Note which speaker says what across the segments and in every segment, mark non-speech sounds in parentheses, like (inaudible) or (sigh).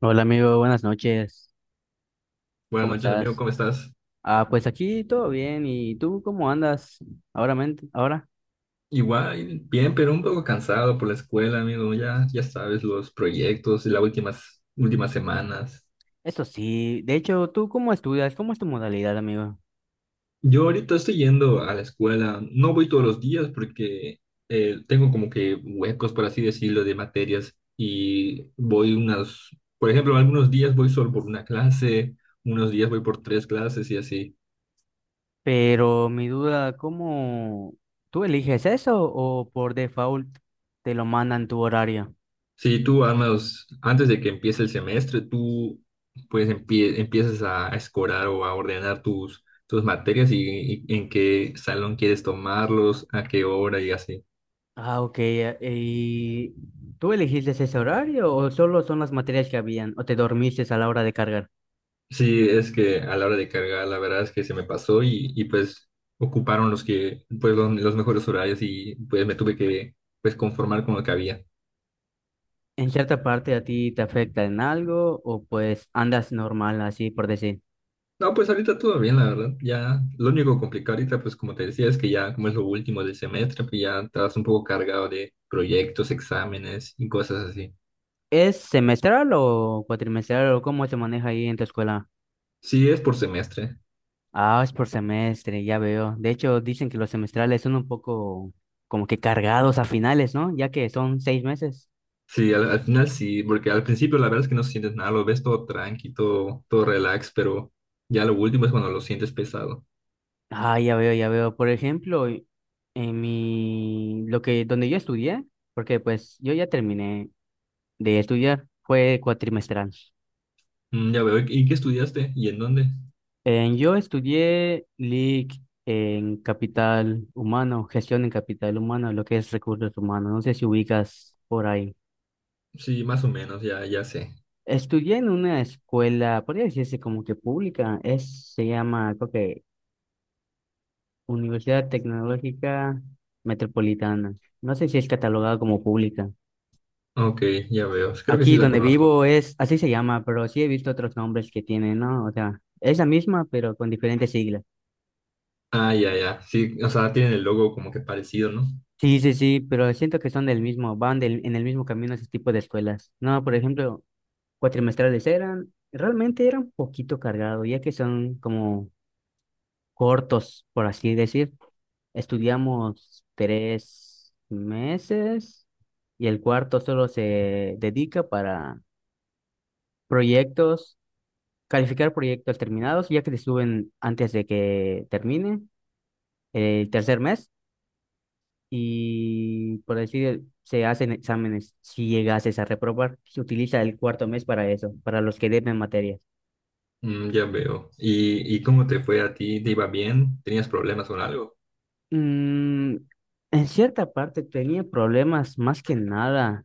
Speaker 1: Hola amigo, buenas noches.
Speaker 2: Buenas
Speaker 1: ¿Cómo
Speaker 2: noches, amigo,
Speaker 1: estás?
Speaker 2: ¿cómo estás?
Speaker 1: Ah, pues aquí todo bien. ¿Y tú cómo andas ahora? Ahora,
Speaker 2: Igual, bien, pero un poco cansado por la escuela, amigo. Ya, ya sabes, los proyectos y las últimas semanas.
Speaker 1: eso sí. De hecho, ¿tú cómo estudias? ¿Cómo es tu modalidad, amigo?
Speaker 2: Yo ahorita estoy yendo a la escuela. No voy todos los días porque tengo como que huecos, por así decirlo, de materias. Y voy unas, por ejemplo, algunos días voy solo por una clase, unos días voy por tres clases y así.
Speaker 1: Pero mi duda, ¿cómo tú eliges eso o por default te lo mandan tu horario?
Speaker 2: Sí, tú al menos antes de que empiece el semestre, tú pues empiezas a escorar o a ordenar tus materias y en qué salón quieres tomarlos, a qué hora y así.
Speaker 1: Ah, ok. ¿Y tú elegiste ese horario o solo son las materias que habían o te dormiste a la hora de cargar?
Speaker 2: Sí, es que a la hora de cargar, la verdad es que se me pasó y, pues ocuparon los que, pues los mejores horarios y pues me tuve que pues conformar con lo que había.
Speaker 1: ¿En cierta parte a ti te afecta en algo o pues andas normal así por decir?
Speaker 2: No, pues ahorita todo bien, la verdad. Ya, lo único complicado ahorita, pues como te decía, es que ya como es lo último del semestre, pues ya estás un poco cargado de proyectos, exámenes y cosas así.
Speaker 1: ¿Es semestral o cuatrimestral o cómo se maneja ahí en tu escuela?
Speaker 2: Sí, es por semestre.
Speaker 1: Ah, es por semestre, ya veo. De hecho, dicen que los semestrales son un poco como que cargados a finales, ¿no? Ya que son 6 meses.
Speaker 2: Sí, al final sí, porque al principio la verdad es que no sientes nada, lo ves todo tranqui, todo, todo relax, pero ya lo último es cuando lo sientes pesado.
Speaker 1: Ah, ya veo, ya veo. Por ejemplo, en mi, lo que, donde yo estudié, porque pues yo ya terminé de estudiar, fue cuatrimestral.
Speaker 2: Mm, ya veo. ¿Y qué estudiaste? ¿Y en dónde?
Speaker 1: Yo estudié LIC en capital humano, gestión en capital humano, lo que es recursos humanos. No sé si ubicas por ahí.
Speaker 2: Sí, más o menos, ya, ya sé.
Speaker 1: Estudié en una escuela, podría decirse como que pública, es, se llama, creo que Universidad Tecnológica Metropolitana. No sé si es catalogada como pública.
Speaker 2: Ok, ya veo. Creo que sí
Speaker 1: Aquí
Speaker 2: la
Speaker 1: donde
Speaker 2: conozco.
Speaker 1: vivo es, así se llama, pero sí he visto otros nombres que tienen, ¿no? O sea, es la misma, pero con diferentes siglas.
Speaker 2: Ah, ya, ya. Sí, o sea, tienen el logo como que parecido, ¿no?
Speaker 1: Sí, sí, sí, pero siento que son del mismo, van del, en el mismo camino ese tipo de escuelas. No, por ejemplo, cuatrimestrales eran, realmente eran un poquito cargados, ya que son como cortos, por así decir. Estudiamos 3 meses y el cuarto solo se dedica para proyectos, calificar proyectos terminados, ya que te suben antes de que termine el tercer mes y por decir, se hacen exámenes si llegases a reprobar. Se utiliza el cuarto mes para eso, para los que deben materias.
Speaker 2: Mm, ya veo. Y cómo te fue a ti? ¿Te iba bien? ¿Tenías problemas con algo?
Speaker 1: Mm, en cierta parte tenía problemas más que nada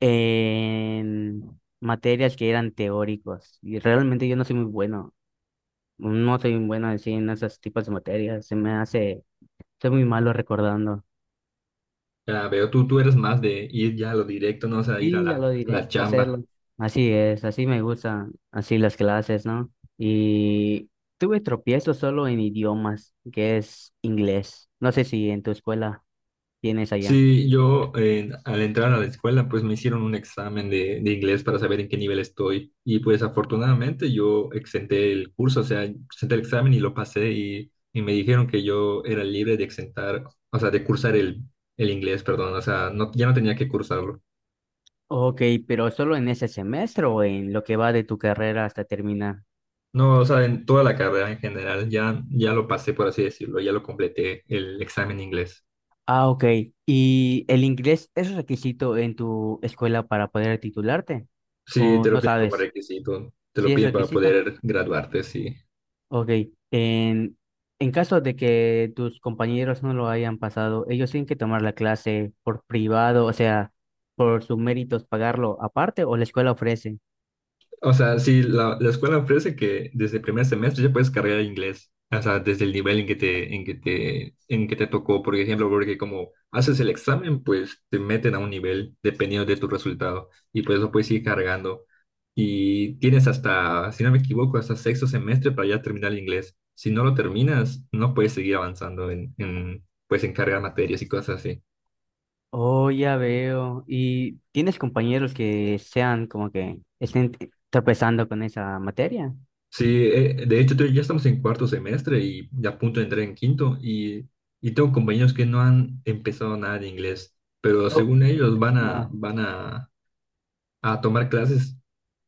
Speaker 1: en materias que eran teóricos. Y realmente yo no soy muy bueno. No soy muy bueno así en esos tipos de materias. Se me hace, soy muy malo recordando.
Speaker 2: Ya veo, tú eres más de ir ya a lo directo, no, o sea, ir
Speaker 1: Sí, a lo
Speaker 2: a la
Speaker 1: directo, hacerlo.
Speaker 2: chamba.
Speaker 1: Así es, así me gustan, así las clases, ¿no? Y tuve tropiezos solo en idiomas, que es inglés. No sé si en tu escuela tienes allá.
Speaker 2: Sí, yo al entrar a la escuela, pues me hicieron un examen de inglés para saber en qué nivel estoy. Y pues afortunadamente yo exenté el curso, o sea, exenté el examen y lo pasé y me dijeron que yo era libre de exentar, o sea, de cursar el inglés, perdón, o sea, no, ya no tenía que cursarlo.
Speaker 1: Ok, pero solo en ese semestre o en lo que va de tu carrera hasta terminar.
Speaker 2: No, o sea, en toda la carrera en general, ya, ya lo pasé, por así decirlo, ya lo completé el examen de inglés.
Speaker 1: Ah, ok. ¿Y el inglés es requisito en tu escuela para poder titularte?
Speaker 2: Sí,
Speaker 1: ¿O
Speaker 2: te
Speaker 1: no
Speaker 2: lo piden como
Speaker 1: sabes?
Speaker 2: requisito, te
Speaker 1: ¿Sí
Speaker 2: lo
Speaker 1: es
Speaker 2: piden para
Speaker 1: requisito?
Speaker 2: poder graduarte, sí.
Speaker 1: Ok. En, en caso de que tus compañeros no lo hayan pasado, ellos tienen que tomar la clase por privado, o sea, por sus méritos, pagarlo aparte o la escuela ofrece.
Speaker 2: O sea, sí, la escuela ofrece que desde el primer semestre ya puedes cargar inglés, o sea, desde el nivel en que te, en que te, en que te tocó, por ejemplo, porque como haces el examen, pues te meten a un nivel dependiendo de tu resultado y por eso puedes ir cargando. Y tienes hasta, si no me equivoco, hasta sexto semestre para ya terminar el inglés. Si no lo terminas, no puedes seguir avanzando en, pues, en cargar materias y cosas así.
Speaker 1: Oh, ya veo. ¿Y tienes compañeros que sean como que estén tropezando con esa materia?
Speaker 2: Sí, de hecho, ya estamos en cuarto semestre y ya a punto de entrar en quinto y tengo compañeros que no han empezado nada de inglés, pero
Speaker 1: Oh,
Speaker 2: según ellos van a,
Speaker 1: ah,
Speaker 2: van a, a tomar clases,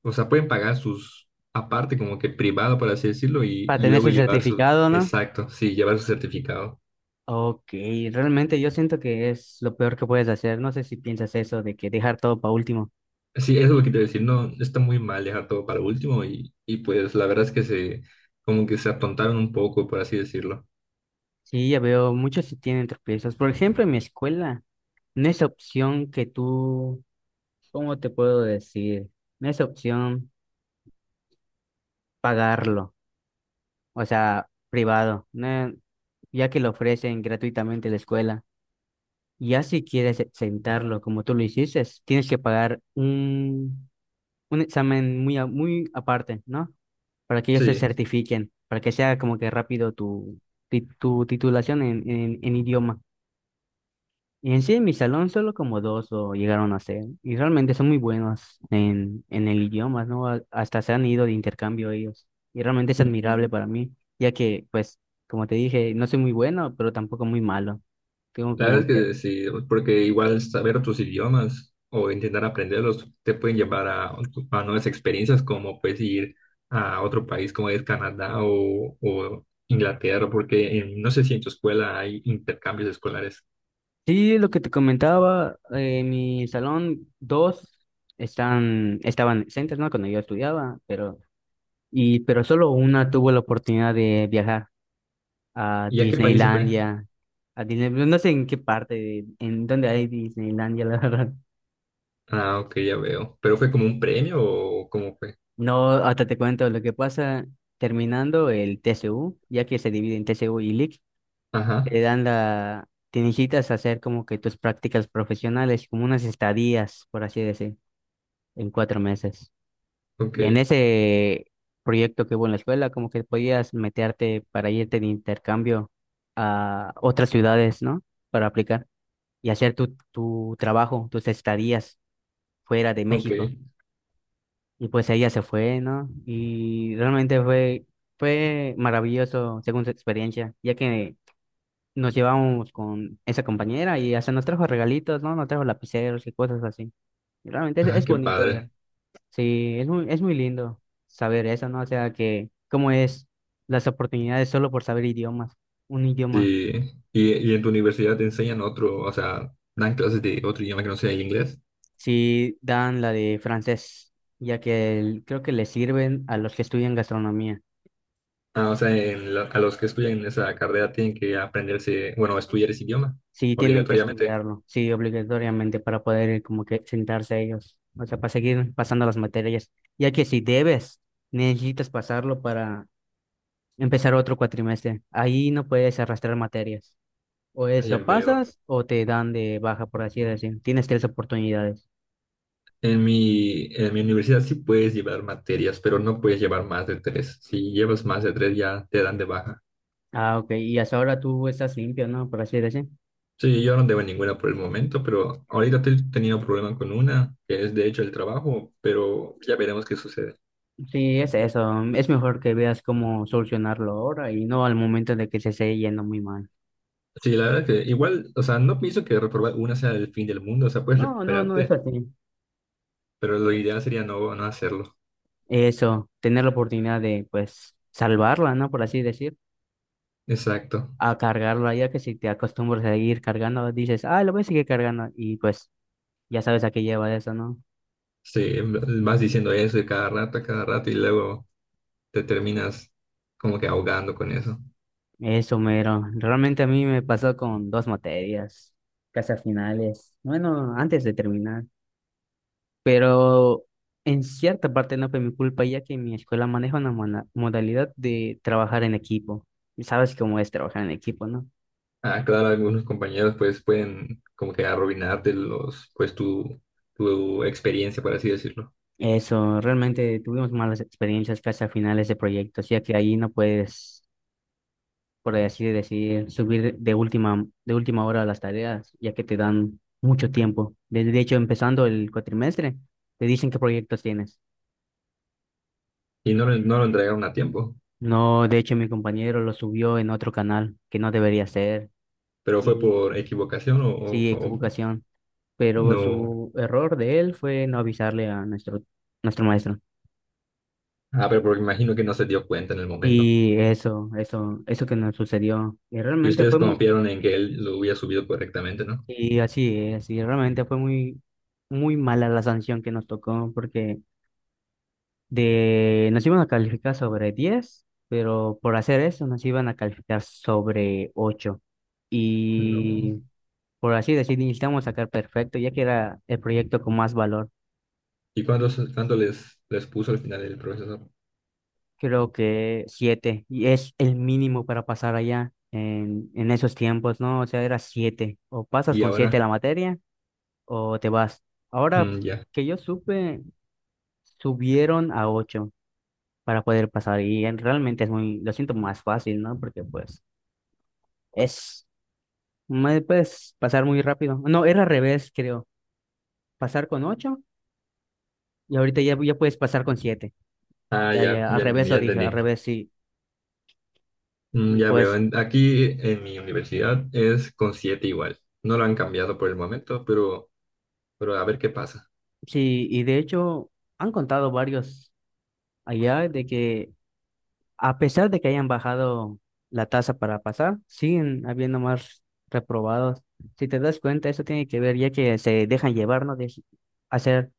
Speaker 2: o sea, pueden pagar sus, aparte como que privado, por así decirlo,
Speaker 1: para
Speaker 2: y
Speaker 1: tener
Speaker 2: luego
Speaker 1: su
Speaker 2: llevar su,
Speaker 1: certificado, ¿no?
Speaker 2: exacto, sí, llevar su certificado.
Speaker 1: Ok, realmente yo siento que es lo peor que puedes hacer. No sé si piensas eso de que dejar todo para último.
Speaker 2: Sí, eso es lo que te voy a decir, no, está muy mal dejar todo para último y pues la verdad es que se, como que se atontaron un poco, por así decirlo.
Speaker 1: Sí, ya veo, muchos sí tienen tropiezos. Por ejemplo, en mi escuela, no es opción que tú, ¿cómo te puedo decir? No es opción pagarlo, o sea, privado, no- ya que lo ofrecen gratuitamente la escuela. Ya si quieres sentarlo como tú lo hiciste, tienes que pagar un examen muy, muy aparte, ¿no? Para que ellos se
Speaker 2: Sí.
Speaker 1: certifiquen, para que sea como que rápido tu, tu titulación en, en idioma. Y en sí, en mi salón solo como dos lo llegaron a ser, y realmente son muy buenos en el idioma, ¿no? Hasta se han ido de intercambio ellos, y realmente es admirable para mí, ya que, pues, como te dije, no soy muy bueno, pero tampoco muy malo. Tengo
Speaker 2: La
Speaker 1: como
Speaker 2: verdad
Speaker 1: que...
Speaker 2: es que sí, porque igual saber otros idiomas o intentar aprenderlos te pueden llevar a nuevas experiencias como pues ir a otro país como es Canadá o Inglaterra, porque no sé si en tu escuela hay intercambios escolares.
Speaker 1: Sí, lo que te comentaba, en mi salón dos están, estaban exentos, ¿no? Cuando yo estudiaba, pero... Y, pero solo una tuvo la oportunidad de viajar a
Speaker 2: ¿Y a qué país se fue?
Speaker 1: Disneylandia, a Disney, no no sé en qué parte, de- en dónde hay Disneylandia, (laughs) la verdad.
Speaker 2: Ah, ok, ya veo. ¿Pero fue como un premio o cómo fue?
Speaker 1: No, hasta te cuento lo que pasa terminando el TCU, ya que se divide en TCU y LIC,
Speaker 2: Ajá,
Speaker 1: te dan la, te necesitas hacer como que tus prácticas profesionales, como unas estadías, por así decir, en 4 meses.
Speaker 2: ok,
Speaker 1: Y en ese proyecto que hubo en la escuela, como que podías meterte para irte de intercambio a otras ciudades, ¿no? Para aplicar y hacer tu, tu trabajo, tus estadías fuera de
Speaker 2: ok.
Speaker 1: México. Y pues ella se fue, ¿no? Y realmente fue, fue maravilloso según su experiencia, ya que nos llevamos con esa compañera y hasta nos trajo regalitos, ¿no? Nos trajo lapiceros y cosas así. Y realmente
Speaker 2: Ah,
Speaker 1: es
Speaker 2: qué
Speaker 1: bonito.
Speaker 2: padre.
Speaker 1: Sí, es muy lindo saber eso, ¿no? O sea, que cómo es las oportunidades solo por saber idiomas, un idioma.
Speaker 2: Sí. Y en tu universidad te enseñan otro, o sea, dan clases de otro idioma que no sea el inglés?
Speaker 1: Sí, dan la de francés, ya que el- creo que le sirven a los que estudian gastronomía.
Speaker 2: Ah, o sea, en a los que estudian esa carrera tienen que aprenderse, bueno, estudiar ese idioma,
Speaker 1: Sí, tienen que
Speaker 2: obligatoriamente.
Speaker 1: estudiarlo, sí, obligatoriamente para poder como que sentarse ellos, o sea, para seguir pasando las materias, ya que si debes, necesitas pasarlo para empezar otro cuatrimestre. Ahí no puedes arrastrar materias. O
Speaker 2: Ah,
Speaker 1: es
Speaker 2: ya
Speaker 1: lo
Speaker 2: veo.
Speaker 1: pasas o te dan de baja, por así decir. Tienes tres oportunidades.
Speaker 2: En mi universidad sí puedes llevar materias, pero no puedes llevar más de tres. Si llevas más de tres ya te dan de baja.
Speaker 1: Ah, ok. Y hasta ahora tú estás limpio, ¿no? Por así decir.
Speaker 2: Sí, yo no debo ninguna por el momento, pero ahorita estoy teniendo problema con una, que es de hecho el trabajo, pero ya veremos qué sucede.
Speaker 1: Sí, es eso. Es mejor que veas cómo solucionarlo ahora y no al momento de que se esté yendo muy mal.
Speaker 2: Sí, la verdad que igual, o sea, no pienso que reprobar una sea el fin del mundo, o sea, puedes
Speaker 1: No, no, no,
Speaker 2: recuperarte,
Speaker 1: eso sí.
Speaker 2: pero lo ideal sería no, no hacerlo.
Speaker 1: Eso, tener la oportunidad de, pues, salvarla, ¿no? Por así decir.
Speaker 2: Exacto.
Speaker 1: A cargarla, ya que si te acostumbras a seguir cargando, dices, ah, lo voy a seguir cargando. Y pues, ya sabes a qué lleva eso, ¿no?
Speaker 2: Sí, vas diciendo eso y cada rato, a cada rato y luego te terminas como que ahogando con eso.
Speaker 1: Eso, mero. Realmente a mí me pasó con dos materias, casi a finales, bueno, antes de terminar, pero en cierta parte no fue mi culpa, ya que mi escuela maneja una modalidad de trabajar en equipo. Y sabes cómo es trabajar en equipo, ¿no?
Speaker 2: Ah, claro, algunos compañeros pues pueden como que arruinarte los, pues tu experiencia, por así decirlo.
Speaker 1: Eso, realmente tuvimos malas experiencias casi a finales de proyectos, ya que ahí no puedes por así decir, subir de última hora las tareas, ya que te dan mucho tiempo. De hecho, empezando el cuatrimestre, te dicen qué proyectos tienes.
Speaker 2: Y no, no lo entregaron a tiempo,
Speaker 1: No, de hecho, mi compañero lo subió en otro canal que no debería ser.
Speaker 2: pero fue
Speaker 1: Y
Speaker 2: por equivocación o,
Speaker 1: sí,
Speaker 2: o
Speaker 1: equivocación. Pero
Speaker 2: no.
Speaker 1: su error de él fue no avisarle a nuestro, nuestro maestro.
Speaker 2: Ah, pero porque imagino que no se dio cuenta en el momento.
Speaker 1: Y eso que nos sucedió.
Speaker 2: Y ustedes confiaron en que él lo hubiera subido correctamente, ¿no?
Speaker 1: Y así es, y realmente fue muy, muy mala la sanción que nos tocó porque de, nos iban a calificar sobre 10 pero por hacer eso nos iban a calificar sobre ocho.
Speaker 2: No.
Speaker 1: Y por así decir, necesitamos sacar perfecto, ya que era el proyecto con más valor.
Speaker 2: ¿Y cuántos, cuánto les, les puso al final el profesor?
Speaker 1: Creo que 7 y es el mínimo para pasar allá en esos tiempos, ¿no? O sea, era siete. O pasas
Speaker 2: Y
Speaker 1: con 7 la
Speaker 2: ahora,
Speaker 1: materia o te vas. Ahora
Speaker 2: mm, ya.
Speaker 1: que yo supe, subieron a 8 para poder pasar y en- realmente es muy, lo siento más fácil, ¿no? Porque pues... Es más puedes pasar muy rápido. No, era al revés, creo. Pasar con ocho y ahorita ya, ya puedes pasar con siete.
Speaker 2: Ah,
Speaker 1: Ya,
Speaker 2: ya,
Speaker 1: ya, al
Speaker 2: ya
Speaker 1: revés
Speaker 2: entendí, ya
Speaker 1: lo dije,
Speaker 2: entendí.
Speaker 1: al revés sí.
Speaker 2: Mm,
Speaker 1: Y
Speaker 2: ya veo,
Speaker 1: pues
Speaker 2: aquí en mi universidad es con siete igual. No lo han cambiado por el momento, pero a ver qué pasa.
Speaker 1: sí, y de hecho han contado varios allá de que a pesar de que hayan bajado la tasa para pasar, siguen habiendo más reprobados. Si te das cuenta, eso tiene que ver ya que se dejan llevar, ¿no? De hacer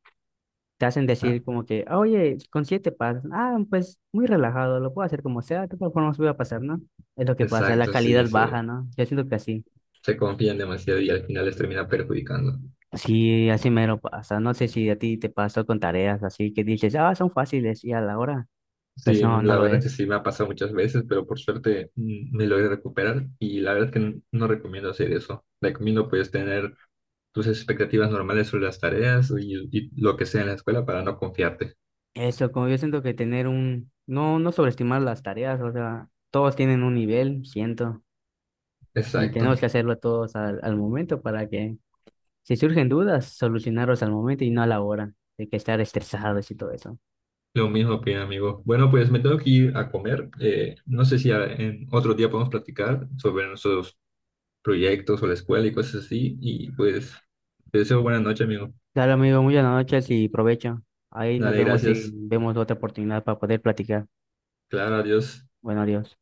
Speaker 1: te hacen
Speaker 2: Ah,
Speaker 1: decir como que, "Ah, oye, con siete pasas, ah, pues muy relajado, lo puedo hacer como sea, de todas formas voy a pasar, ¿no?" Es lo que pasa, la
Speaker 2: exacto, sí,
Speaker 1: calidad baja,
Speaker 2: sí.
Speaker 1: ¿no? Yo siento que así,
Speaker 2: Se confían demasiado y al final les termina perjudicando.
Speaker 1: sí, así mero pasa, no sé si a ti te pasó con tareas así que dices, ah, son fáciles y a la hora, pues
Speaker 2: Sí,
Speaker 1: no,
Speaker 2: mm,
Speaker 1: no
Speaker 2: la
Speaker 1: lo
Speaker 2: verdad es que
Speaker 1: es.
Speaker 2: sí me ha pasado muchas veces, pero por suerte me logré recuperar y la verdad es que no recomiendo hacer eso. Recomiendo pues tener tus expectativas normales sobre las tareas y lo que sea en la escuela para no confiarte.
Speaker 1: Eso, como yo siento que tener un, no, no sobreestimar las tareas, o sea, todos tienen un nivel, siento, y
Speaker 2: Exacto.
Speaker 1: tenemos que hacerlo todos al momento para que, si surgen dudas, solucionarlos al momento y no a la hora, de que estar estresados y todo eso.
Speaker 2: Lo mismo opina, amigo. Bueno, pues me tengo que ir a comer. No sé si en otro día podemos platicar sobre nuestros proyectos o la escuela y cosas así. Y pues te deseo buena noche, amigo.
Speaker 1: Dale, amigo, muchas noches y provecho. Ahí nos
Speaker 2: Dale,
Speaker 1: vemos y
Speaker 2: gracias.
Speaker 1: vemos otra oportunidad para poder platicar.
Speaker 2: Claro, adiós.
Speaker 1: Bueno, adiós.